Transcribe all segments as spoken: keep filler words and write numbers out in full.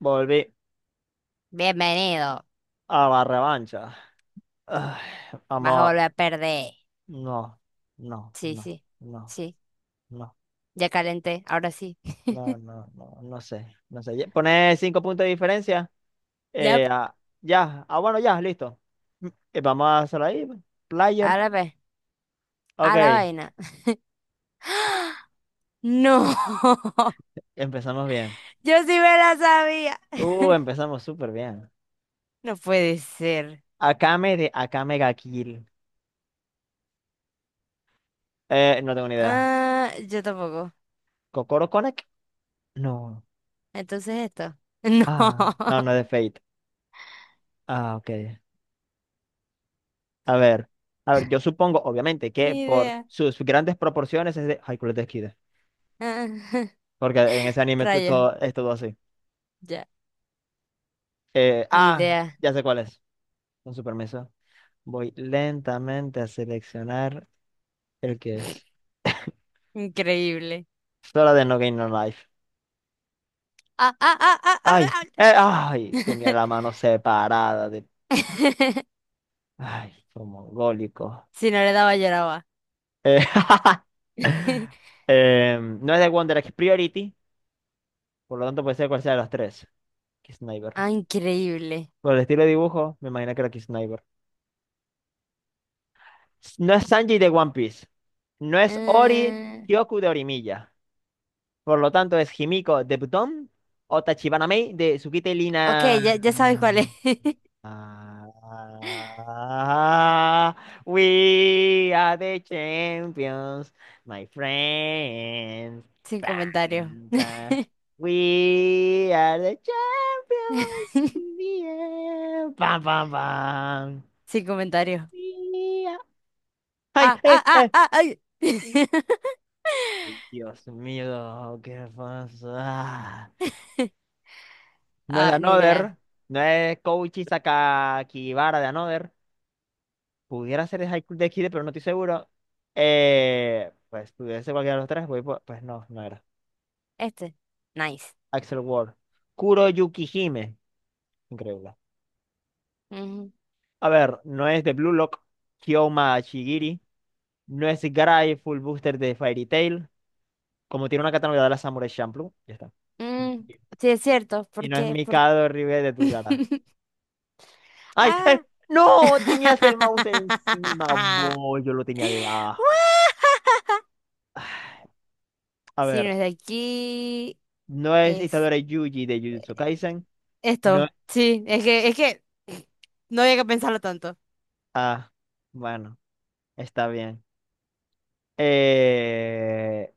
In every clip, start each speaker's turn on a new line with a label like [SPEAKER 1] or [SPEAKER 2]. [SPEAKER 1] Volví
[SPEAKER 2] Bienvenido.
[SPEAKER 1] a la revancha. Ay,
[SPEAKER 2] Vas a
[SPEAKER 1] vamos,
[SPEAKER 2] volver a perder.
[SPEAKER 1] no, no,
[SPEAKER 2] Sí,
[SPEAKER 1] no,
[SPEAKER 2] sí,
[SPEAKER 1] no,
[SPEAKER 2] sí.
[SPEAKER 1] no,
[SPEAKER 2] Ya calenté, ahora sí.
[SPEAKER 1] no, no, no, no sé, no sé. Pone cinco puntos de diferencia.
[SPEAKER 2] Ya,
[SPEAKER 1] Eh, ah, ya, ah, bueno, ya, listo. Mm, eh, vamos a hacerlo ahí, pues. Player.
[SPEAKER 2] ahora ve. A la
[SPEAKER 1] Ok,
[SPEAKER 2] vaina. No,
[SPEAKER 1] empezamos bien.
[SPEAKER 2] yo sí me la sabía.
[SPEAKER 1] Uh, empezamos súper bien.
[SPEAKER 2] No puede ser.
[SPEAKER 1] Akame de Akame ga Kill. Eh, no tengo ni idea.
[SPEAKER 2] Ah, yo tampoco.
[SPEAKER 1] ¿Kokoro Connect? No.
[SPEAKER 2] Entonces esto. No,
[SPEAKER 1] Ah, no, no es de Fate. Ah, ok. A ver, a ver, yo supongo, obviamente, que
[SPEAKER 2] ni
[SPEAKER 1] por
[SPEAKER 2] idea.
[SPEAKER 1] sus grandes proporciones es de Haikyuu de Kid,
[SPEAKER 2] Ah,
[SPEAKER 1] porque en ese anime t-
[SPEAKER 2] Rayo,
[SPEAKER 1] todo es todo así.
[SPEAKER 2] ya.
[SPEAKER 1] Eh,
[SPEAKER 2] Ni
[SPEAKER 1] ah,
[SPEAKER 2] idea.
[SPEAKER 1] ya sé cuál es. Con su permiso, voy lentamente a seleccionar el que es.
[SPEAKER 2] Increíble.
[SPEAKER 1] Sora de No Game No Life.
[SPEAKER 2] Ah, ah, ah, ah,
[SPEAKER 1] Ay,
[SPEAKER 2] ah, ah.
[SPEAKER 1] eh, ay, tenía la mano separada de, ay, como mongólico.
[SPEAKER 2] Si no le daba, lloraba.
[SPEAKER 1] Eh, em, No es de Wonder X Priority, por lo tanto puede ser cual sea de las tres. Kiss Sniper.
[SPEAKER 2] Ah, increíble.
[SPEAKER 1] Por el estilo de dibujo, me imagino que era Kiss. No es Sanji de One Piece. No es Ori
[SPEAKER 2] Ah.
[SPEAKER 1] Kyoku de Orimilla. Por lo tanto, es Himiko de Buton o Tachibana Mei de Tsukite
[SPEAKER 2] Ok,
[SPEAKER 1] Lina.
[SPEAKER 2] ya, ya sabes cuál
[SPEAKER 1] Mm.
[SPEAKER 2] es.
[SPEAKER 1] Ah, we are the champions, my friends.
[SPEAKER 2] Sin comentario.
[SPEAKER 1] Bam, bam. We are the champions. In bam, bam, bam.
[SPEAKER 2] Sin comentario.
[SPEAKER 1] We are... ¡Ay!
[SPEAKER 2] Ah,
[SPEAKER 1] ¡Eh!
[SPEAKER 2] ah, ah,
[SPEAKER 1] ¡Eh!
[SPEAKER 2] ah, ay.
[SPEAKER 1] Dios mío, qué pasa. No es de
[SPEAKER 2] Ah, ni idea.
[SPEAKER 1] Another, no es Koichi Sakakibara de Another. Pudiera ser de High School Death Kid, pero no estoy seguro. Eh, pues pudiera ser cualquiera de los tres, voy por- pues no, no era.
[SPEAKER 2] Este. Nice.
[SPEAKER 1] Axel Ward. Kuro Yukihime. Increíble.
[SPEAKER 2] Ujú.
[SPEAKER 1] A ver, no es de Blue Lock, Kyoma Shigiri. No es Garai Full Booster de Fairy Tail. Como tiene una categoría de la Samurai Champloo. Ya está.
[SPEAKER 2] Mm, sí, es cierto.
[SPEAKER 1] Y
[SPEAKER 2] ¿Por
[SPEAKER 1] no es
[SPEAKER 2] qué? ¿Por
[SPEAKER 1] Mikado Ribe de Durara. Ay, eh,
[SPEAKER 2] Ah.
[SPEAKER 1] no, tenías el mouse encima, boy, yo lo tenía debajo. A
[SPEAKER 2] Si
[SPEAKER 1] ver,
[SPEAKER 2] no es de aquí,
[SPEAKER 1] no es
[SPEAKER 2] es
[SPEAKER 1] Itadori Yuji de Jujutsu Kaisen. No.
[SPEAKER 2] esto. Sí, es que, es que no había que pensarlo tanto.
[SPEAKER 1] Ah, bueno, está bien. Eh,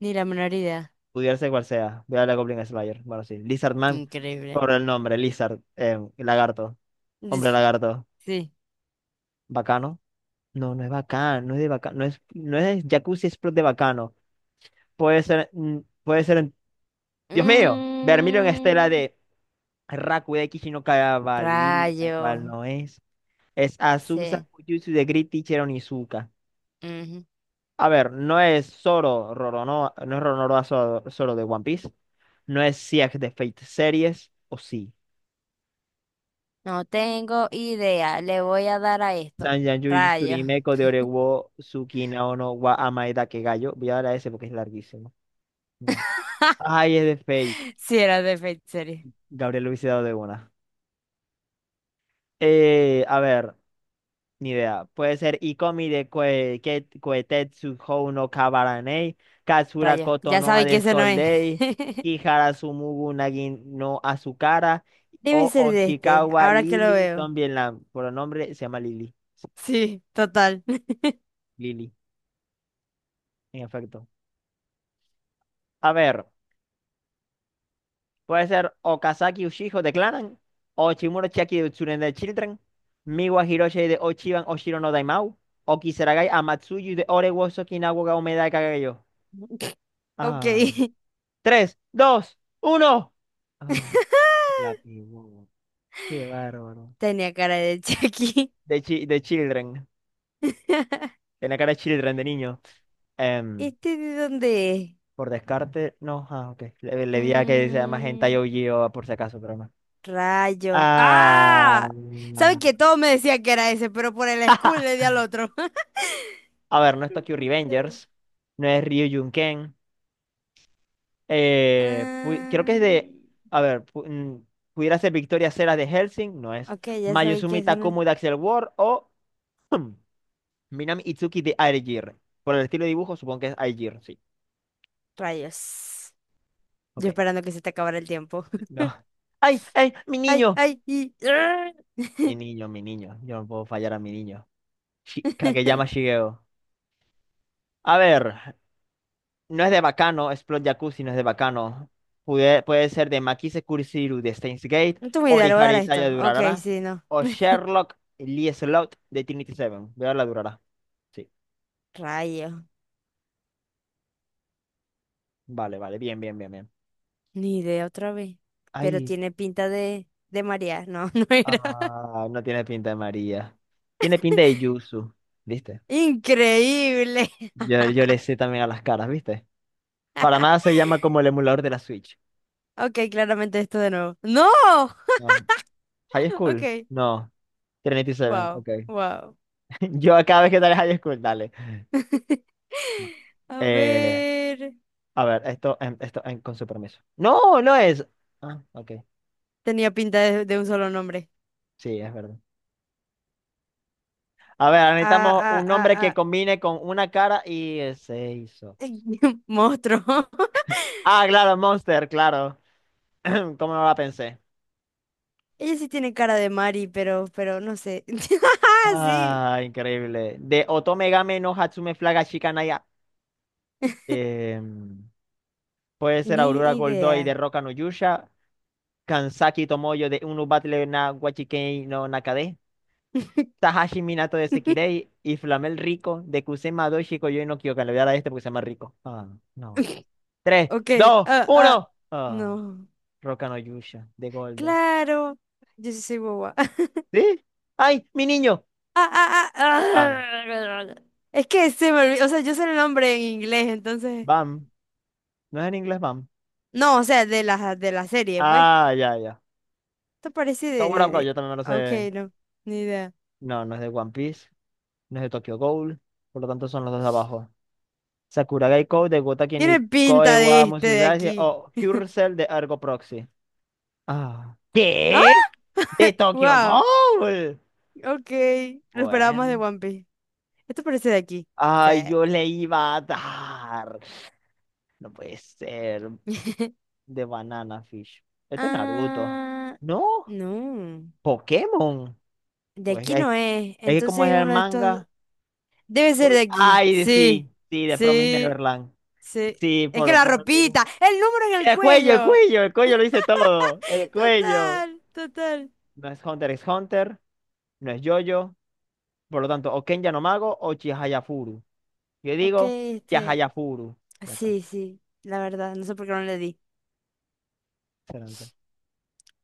[SPEAKER 2] Ni la menor idea.
[SPEAKER 1] Pudiera ser cual sea. Voy a la Goblin Slayer. Bueno, sí. Lizard Man,
[SPEAKER 2] Increíble.
[SPEAKER 1] por el nombre, Lizard, eh, lagarto, hombre lagarto.
[SPEAKER 2] Sí.
[SPEAKER 1] ¿Bacano? No, no es bacano, no es de bacano, no es, no es Jacuzzi Sprout de bacano. Puede ser, mm, puede ser, en- Dios mío, Vermilion Estela
[SPEAKER 2] Mm,
[SPEAKER 1] de Rakude Kishi no Kagabali, la
[SPEAKER 2] rayo.
[SPEAKER 1] cual no es. Es Azusa
[SPEAKER 2] Sí.
[SPEAKER 1] Fujitsu de Great Teacher Onizuka.
[SPEAKER 2] Ujú.
[SPEAKER 1] A ver, no es Zoro, Roronoa, no es Roronoa Zoro, Zoro de One Piece. No es Siak de Fate Series, o sí.
[SPEAKER 2] No tengo idea. Le voy a dar a esto.
[SPEAKER 1] Sanjan Yui
[SPEAKER 2] Rayo.
[SPEAKER 1] Tsurimeko de Orewo Tsukina no wa Amaeda Kegayo. Voy a dar a ese porque es larguísimo. No. Ay, es de Fate.
[SPEAKER 2] Si era de Fate Series.
[SPEAKER 1] Gabriel lo hubiese dado de una. Eh, a ver. Ni idea. Puede ser Ikomi de Kue- Ket- Kuetetsu Hou no Kabaranei, Katsura
[SPEAKER 2] Rayo.
[SPEAKER 1] Koto
[SPEAKER 2] Ya
[SPEAKER 1] no
[SPEAKER 2] sabéis que ese no es.
[SPEAKER 1] Adescoldei, Kihara Sumugu Nagi no Azukara
[SPEAKER 2] Debe
[SPEAKER 1] o
[SPEAKER 2] ser de este,
[SPEAKER 1] Oshikawa
[SPEAKER 2] ahora que lo
[SPEAKER 1] Lili
[SPEAKER 2] veo.
[SPEAKER 1] Lam. Por el nombre se llama Lili.
[SPEAKER 2] Sí, total.
[SPEAKER 1] Lili, en efecto. A ver, puede ser Okazaki Ushijo de Clanan, o Chimura Chiaki de Utsuren de Children, Miwa Hiroshi de Ochiban Oshiro no Daimao, o Kisaragai Amatsuyu de Ore wo Sokinawa ga Omeda de Kagayo.
[SPEAKER 2] Ok.
[SPEAKER 1] Tres, dos, uno. Ah, la pegó. Qué bárbaro.
[SPEAKER 2] Tenía cara de Chucky.
[SPEAKER 1] De, chi- de Children. En la cara de Children, de niño. Em,
[SPEAKER 2] ¿Este de dónde es?
[SPEAKER 1] por descarte, no. Ah, ok. Le, le di a que sea más hentai
[SPEAKER 2] Mm,
[SPEAKER 1] O G o Gio por si acaso, pero no.
[SPEAKER 2] Rayos. ¡Ah! ¿Sabes
[SPEAKER 1] Ah.
[SPEAKER 2] que todos me decían que era ese, pero por el school le di al otro?
[SPEAKER 1] A ver, no es
[SPEAKER 2] No
[SPEAKER 1] Tokyo
[SPEAKER 2] puede ser.
[SPEAKER 1] Revengers. No es Ryujin Ken. Eh, pu- creo que es
[SPEAKER 2] Ah,
[SPEAKER 1] de. A ver, pu- mm, pudiera ser Victoria Cera de Helsing. No es.
[SPEAKER 2] ok, ya sabéis que
[SPEAKER 1] Mayuzumi
[SPEAKER 2] es no.
[SPEAKER 1] Takumu de Axel World o. Minami Itsuki de Aegir. Por el estilo de dibujo, supongo que es Aegir, sí.
[SPEAKER 2] Rayos.
[SPEAKER 1] Ok,
[SPEAKER 2] Yo esperando que se te acabara el tiempo.
[SPEAKER 1] no. ¡Ay, ay, mi
[SPEAKER 2] ¡Ay,
[SPEAKER 1] niño!
[SPEAKER 2] ay! Y... ¡Ah!
[SPEAKER 1] Mi niño, mi niño. Yo no puedo fallar a mi niño. Shi- Kageyama Shigeo. A ver, no es de Bacano, Explode Jacuzzi no es de Bacano. Pude- puede ser de Makise Kurisiru de Steins Gate,
[SPEAKER 2] No tengo idea, le voy a
[SPEAKER 1] Orihara
[SPEAKER 2] dar a
[SPEAKER 1] Isaya
[SPEAKER 2] esto.
[SPEAKER 1] de
[SPEAKER 2] Ok,
[SPEAKER 1] Urarara,
[SPEAKER 2] sí, no.
[SPEAKER 1] o Sherlock Lee Slot de Trinity Seven. Voy a darle a Durarara. Sí,
[SPEAKER 2] Rayos.
[SPEAKER 1] vale, vale, bien, bien, bien, bien.
[SPEAKER 2] Ni idea otra vez. Pero
[SPEAKER 1] Ay,
[SPEAKER 2] tiene pinta de, de María. No, no era.
[SPEAKER 1] ah, no tiene pinta de María. Tiene pinta de Yuzu. ¿Viste?
[SPEAKER 2] Increíble.
[SPEAKER 1] Yo, yo le sé también a las caras, ¿viste? Para nada se llama como el emulador de la Switch.
[SPEAKER 2] Ok, claramente esto de nuevo. ¡No!
[SPEAKER 1] No. High School.
[SPEAKER 2] Ok.
[SPEAKER 1] No. Trinity Seven,
[SPEAKER 2] Wow,
[SPEAKER 1] ok.
[SPEAKER 2] wow.
[SPEAKER 1] Yo cada vez que dale High School, dale.
[SPEAKER 2] A
[SPEAKER 1] Eh,
[SPEAKER 2] ver.
[SPEAKER 1] a ver, esto, em, esto, em, con su permiso. No, no es. Ah, ok.
[SPEAKER 2] Tenía pinta de, de un solo nombre.
[SPEAKER 1] Sí, es verdad. A ver,
[SPEAKER 2] Ah,
[SPEAKER 1] necesitamos
[SPEAKER 2] ah,
[SPEAKER 1] un
[SPEAKER 2] ah,
[SPEAKER 1] nombre que
[SPEAKER 2] ah.
[SPEAKER 1] combine con una cara y eh, se hizo.
[SPEAKER 2] Monstruo.
[SPEAKER 1] Ah, claro, Monster, claro. ¿Cómo no la pensé?
[SPEAKER 2] Ella sí tiene cara de Mari, pero, pero no sé. Sí,
[SPEAKER 1] Ah, increíble. De Otome Game no Hatsume Flaga Shikanaya. Em, Puede ser
[SPEAKER 2] ni
[SPEAKER 1] Aurora
[SPEAKER 2] idea.
[SPEAKER 1] Goldoi de Roka no Yusha, Kansaki Tomoyo de Unu Battle na Wachikei no Nakade, Tahashi Minato de Sekirei y Flamel Rico de Kusema Doshi Koyoi no Kyokan. Le voy a dar a este porque se llama Rico. Ah, no. Tres,
[SPEAKER 2] Ok,
[SPEAKER 1] dos,
[SPEAKER 2] ah, ah.
[SPEAKER 1] uno. Ah,
[SPEAKER 2] No.
[SPEAKER 1] Roka no Yusha de Goldo.
[SPEAKER 2] Claro. Yo sí soy boba.
[SPEAKER 1] ¿Sí? ¡Ay, mi niño!
[SPEAKER 2] Ah, ah, ah,
[SPEAKER 1] Bam,
[SPEAKER 2] ah. Es que se me olvidó, o sea, yo sé el nombre en inglés, entonces.
[SPEAKER 1] bam. No es en inglés bam.
[SPEAKER 2] No, o sea, de la, de la serie, pues.
[SPEAKER 1] Ah, ya, ya.
[SPEAKER 2] Esto parece de,
[SPEAKER 1] Tower
[SPEAKER 2] de,
[SPEAKER 1] of God,
[SPEAKER 2] de-
[SPEAKER 1] yo también me lo
[SPEAKER 2] Ah, Ok,
[SPEAKER 1] sé.
[SPEAKER 2] no, ni idea.
[SPEAKER 1] No, no es de One Piece, no es de Tokyo Ghoul, por lo tanto son los dos de abajo. Sakurai Kou de Gotaki
[SPEAKER 2] Tiene
[SPEAKER 1] ni Koe
[SPEAKER 2] pinta de
[SPEAKER 1] wa
[SPEAKER 2] este de
[SPEAKER 1] Musuzashi
[SPEAKER 2] aquí.
[SPEAKER 1] o Hyrsel de Ergo Proxy. Ah.
[SPEAKER 2] ¡Ah!
[SPEAKER 1] ¿Qué? ¿De Tokyo
[SPEAKER 2] ¡Wow!
[SPEAKER 1] Ghoul?
[SPEAKER 2] Ok, lo esperábamos de
[SPEAKER 1] Bueno.
[SPEAKER 2] One Piece. Esto parece de aquí. Sí.
[SPEAKER 1] Ay, yo le iba a dar. No puede ser. De Banana Fish. Esto es Naruto.
[SPEAKER 2] Ah,
[SPEAKER 1] No,
[SPEAKER 2] no.
[SPEAKER 1] Pokémon.
[SPEAKER 2] De
[SPEAKER 1] Pues
[SPEAKER 2] aquí
[SPEAKER 1] es,
[SPEAKER 2] no es.
[SPEAKER 1] es que
[SPEAKER 2] Entonces
[SPEAKER 1] como es
[SPEAKER 2] es
[SPEAKER 1] el
[SPEAKER 2] uno de estos.
[SPEAKER 1] manga.
[SPEAKER 2] Debe ser de
[SPEAKER 1] voy-
[SPEAKER 2] aquí.
[SPEAKER 1] Ay,
[SPEAKER 2] Sí,
[SPEAKER 1] sí, sí, de Promise
[SPEAKER 2] sí,
[SPEAKER 1] Neverland.
[SPEAKER 2] sí.
[SPEAKER 1] Sí,
[SPEAKER 2] Es que
[SPEAKER 1] por,
[SPEAKER 2] la
[SPEAKER 1] por el
[SPEAKER 2] ropita,
[SPEAKER 1] dibujo.
[SPEAKER 2] el número en el
[SPEAKER 1] El cuello, el
[SPEAKER 2] cuello.
[SPEAKER 1] cuello, el cuello lo hice todo. El cuello.
[SPEAKER 2] Total, total.
[SPEAKER 1] No es Hunter x Hunter, no es JoJo. Por lo tanto, o Kenya no Mago o Chihayafuru. Yo
[SPEAKER 2] Ok,
[SPEAKER 1] digo
[SPEAKER 2] este.
[SPEAKER 1] Chihayafuru. Ya está.
[SPEAKER 2] Sí, sí, la verdad, no sé por qué no le di.
[SPEAKER 1] Excelente.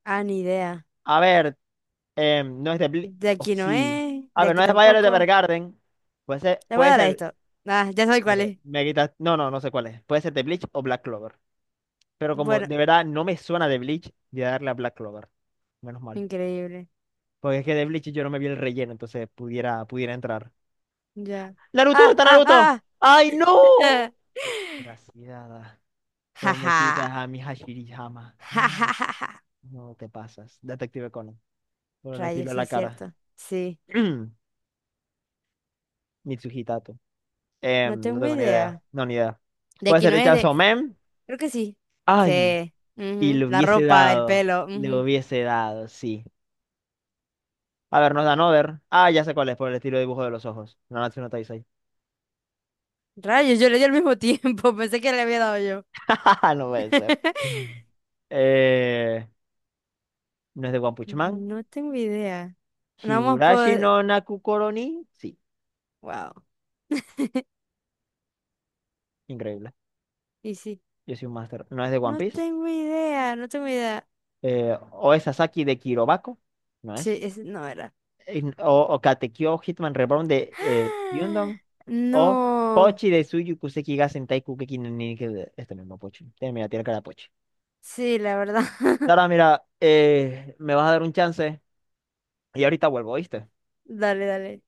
[SPEAKER 2] Ah, ni idea.
[SPEAKER 1] A ver, em, no es de Bli-
[SPEAKER 2] De
[SPEAKER 1] oh,
[SPEAKER 2] aquí no
[SPEAKER 1] sí.
[SPEAKER 2] es,
[SPEAKER 1] A
[SPEAKER 2] de
[SPEAKER 1] ver, no
[SPEAKER 2] aquí
[SPEAKER 1] es Violet
[SPEAKER 2] tampoco.
[SPEAKER 1] Evergarden. Puede ser,
[SPEAKER 2] Le voy a
[SPEAKER 1] puede
[SPEAKER 2] dar a
[SPEAKER 1] ser.
[SPEAKER 2] esto. Ah, ya sabes
[SPEAKER 1] Ok,
[SPEAKER 2] cuál es.
[SPEAKER 1] me quitas. No, no, no sé cuál es. Puede ser de Bleach o Black Clover. Pero como
[SPEAKER 2] Bueno,
[SPEAKER 1] de verdad no me suena de Bleach, voy a darle a Black Clover. Menos mal.
[SPEAKER 2] increíble.
[SPEAKER 1] Porque es que de Bleach yo no me vi el relleno, entonces pudiera, pudiera entrar.
[SPEAKER 2] Ya.
[SPEAKER 1] ¡Naruto!
[SPEAKER 2] Ah,
[SPEAKER 1] ¡Está
[SPEAKER 2] ah,
[SPEAKER 1] Naruto!
[SPEAKER 2] ah.
[SPEAKER 1] ¡Ay, no!
[SPEAKER 2] ah.
[SPEAKER 1] Gracias. Vos me
[SPEAKER 2] Jaja.
[SPEAKER 1] quitas a mi Hashirihama. Ah,
[SPEAKER 2] Jajajaja.
[SPEAKER 1] no te pasas. Detective Conan. Por el estilo
[SPEAKER 2] Rayos,
[SPEAKER 1] de
[SPEAKER 2] sí
[SPEAKER 1] la
[SPEAKER 2] es
[SPEAKER 1] cara.
[SPEAKER 2] cierto. Sí,
[SPEAKER 1] Mitsuhi Tato.
[SPEAKER 2] no
[SPEAKER 1] Em, no
[SPEAKER 2] tengo
[SPEAKER 1] tengo ni idea.
[SPEAKER 2] idea.
[SPEAKER 1] No, ni idea.
[SPEAKER 2] De
[SPEAKER 1] Puede
[SPEAKER 2] aquí
[SPEAKER 1] ser
[SPEAKER 2] no es
[SPEAKER 1] hechazo
[SPEAKER 2] de...
[SPEAKER 1] men.
[SPEAKER 2] Creo que sí.
[SPEAKER 1] Ay,
[SPEAKER 2] Sí.
[SPEAKER 1] y
[SPEAKER 2] Ujú,
[SPEAKER 1] le
[SPEAKER 2] la
[SPEAKER 1] hubiese
[SPEAKER 2] ropa, el
[SPEAKER 1] dado.
[SPEAKER 2] pelo.
[SPEAKER 1] Le
[SPEAKER 2] Ujú.
[SPEAKER 1] hubiese dado, sí. A ver, nos dan over. Ah, ya sé cuál es, por el estilo de dibujo de los ojos. Nanatsu no no, Taizai.
[SPEAKER 2] Rayos, yo le di al mismo tiempo. Pensé que le había dado yo.
[SPEAKER 1] No puede ser. Mm. Eh, no es de One Punch Man.
[SPEAKER 2] No tengo idea. No vamos
[SPEAKER 1] Higurashi
[SPEAKER 2] a
[SPEAKER 1] no Nakukoro ni. Sí,
[SPEAKER 2] Wow.
[SPEAKER 1] increíble.
[SPEAKER 2] Y sí.
[SPEAKER 1] Yo soy un máster. No es de One
[SPEAKER 2] No
[SPEAKER 1] Piece.
[SPEAKER 2] tengo idea, no tengo idea.
[SPEAKER 1] eh, Oe Sasaki de Kirobako, ¿no es?
[SPEAKER 2] Sí, es, no era.
[SPEAKER 1] En- O, o Katekyo Hitman Reborn de eh, Yundon, o
[SPEAKER 2] No.
[SPEAKER 1] Pochi de Suyu Kuseki ga Sentai Kukeki no Ninike de- Este mismo Pochi. Tiene- Mira, tiene cara de Pochi.
[SPEAKER 2] Sí, la verdad.
[SPEAKER 1] Ahora, mira, eh, me vas a dar un chance y ahorita vuelvo, ¿viste?
[SPEAKER 2] Dale, dale.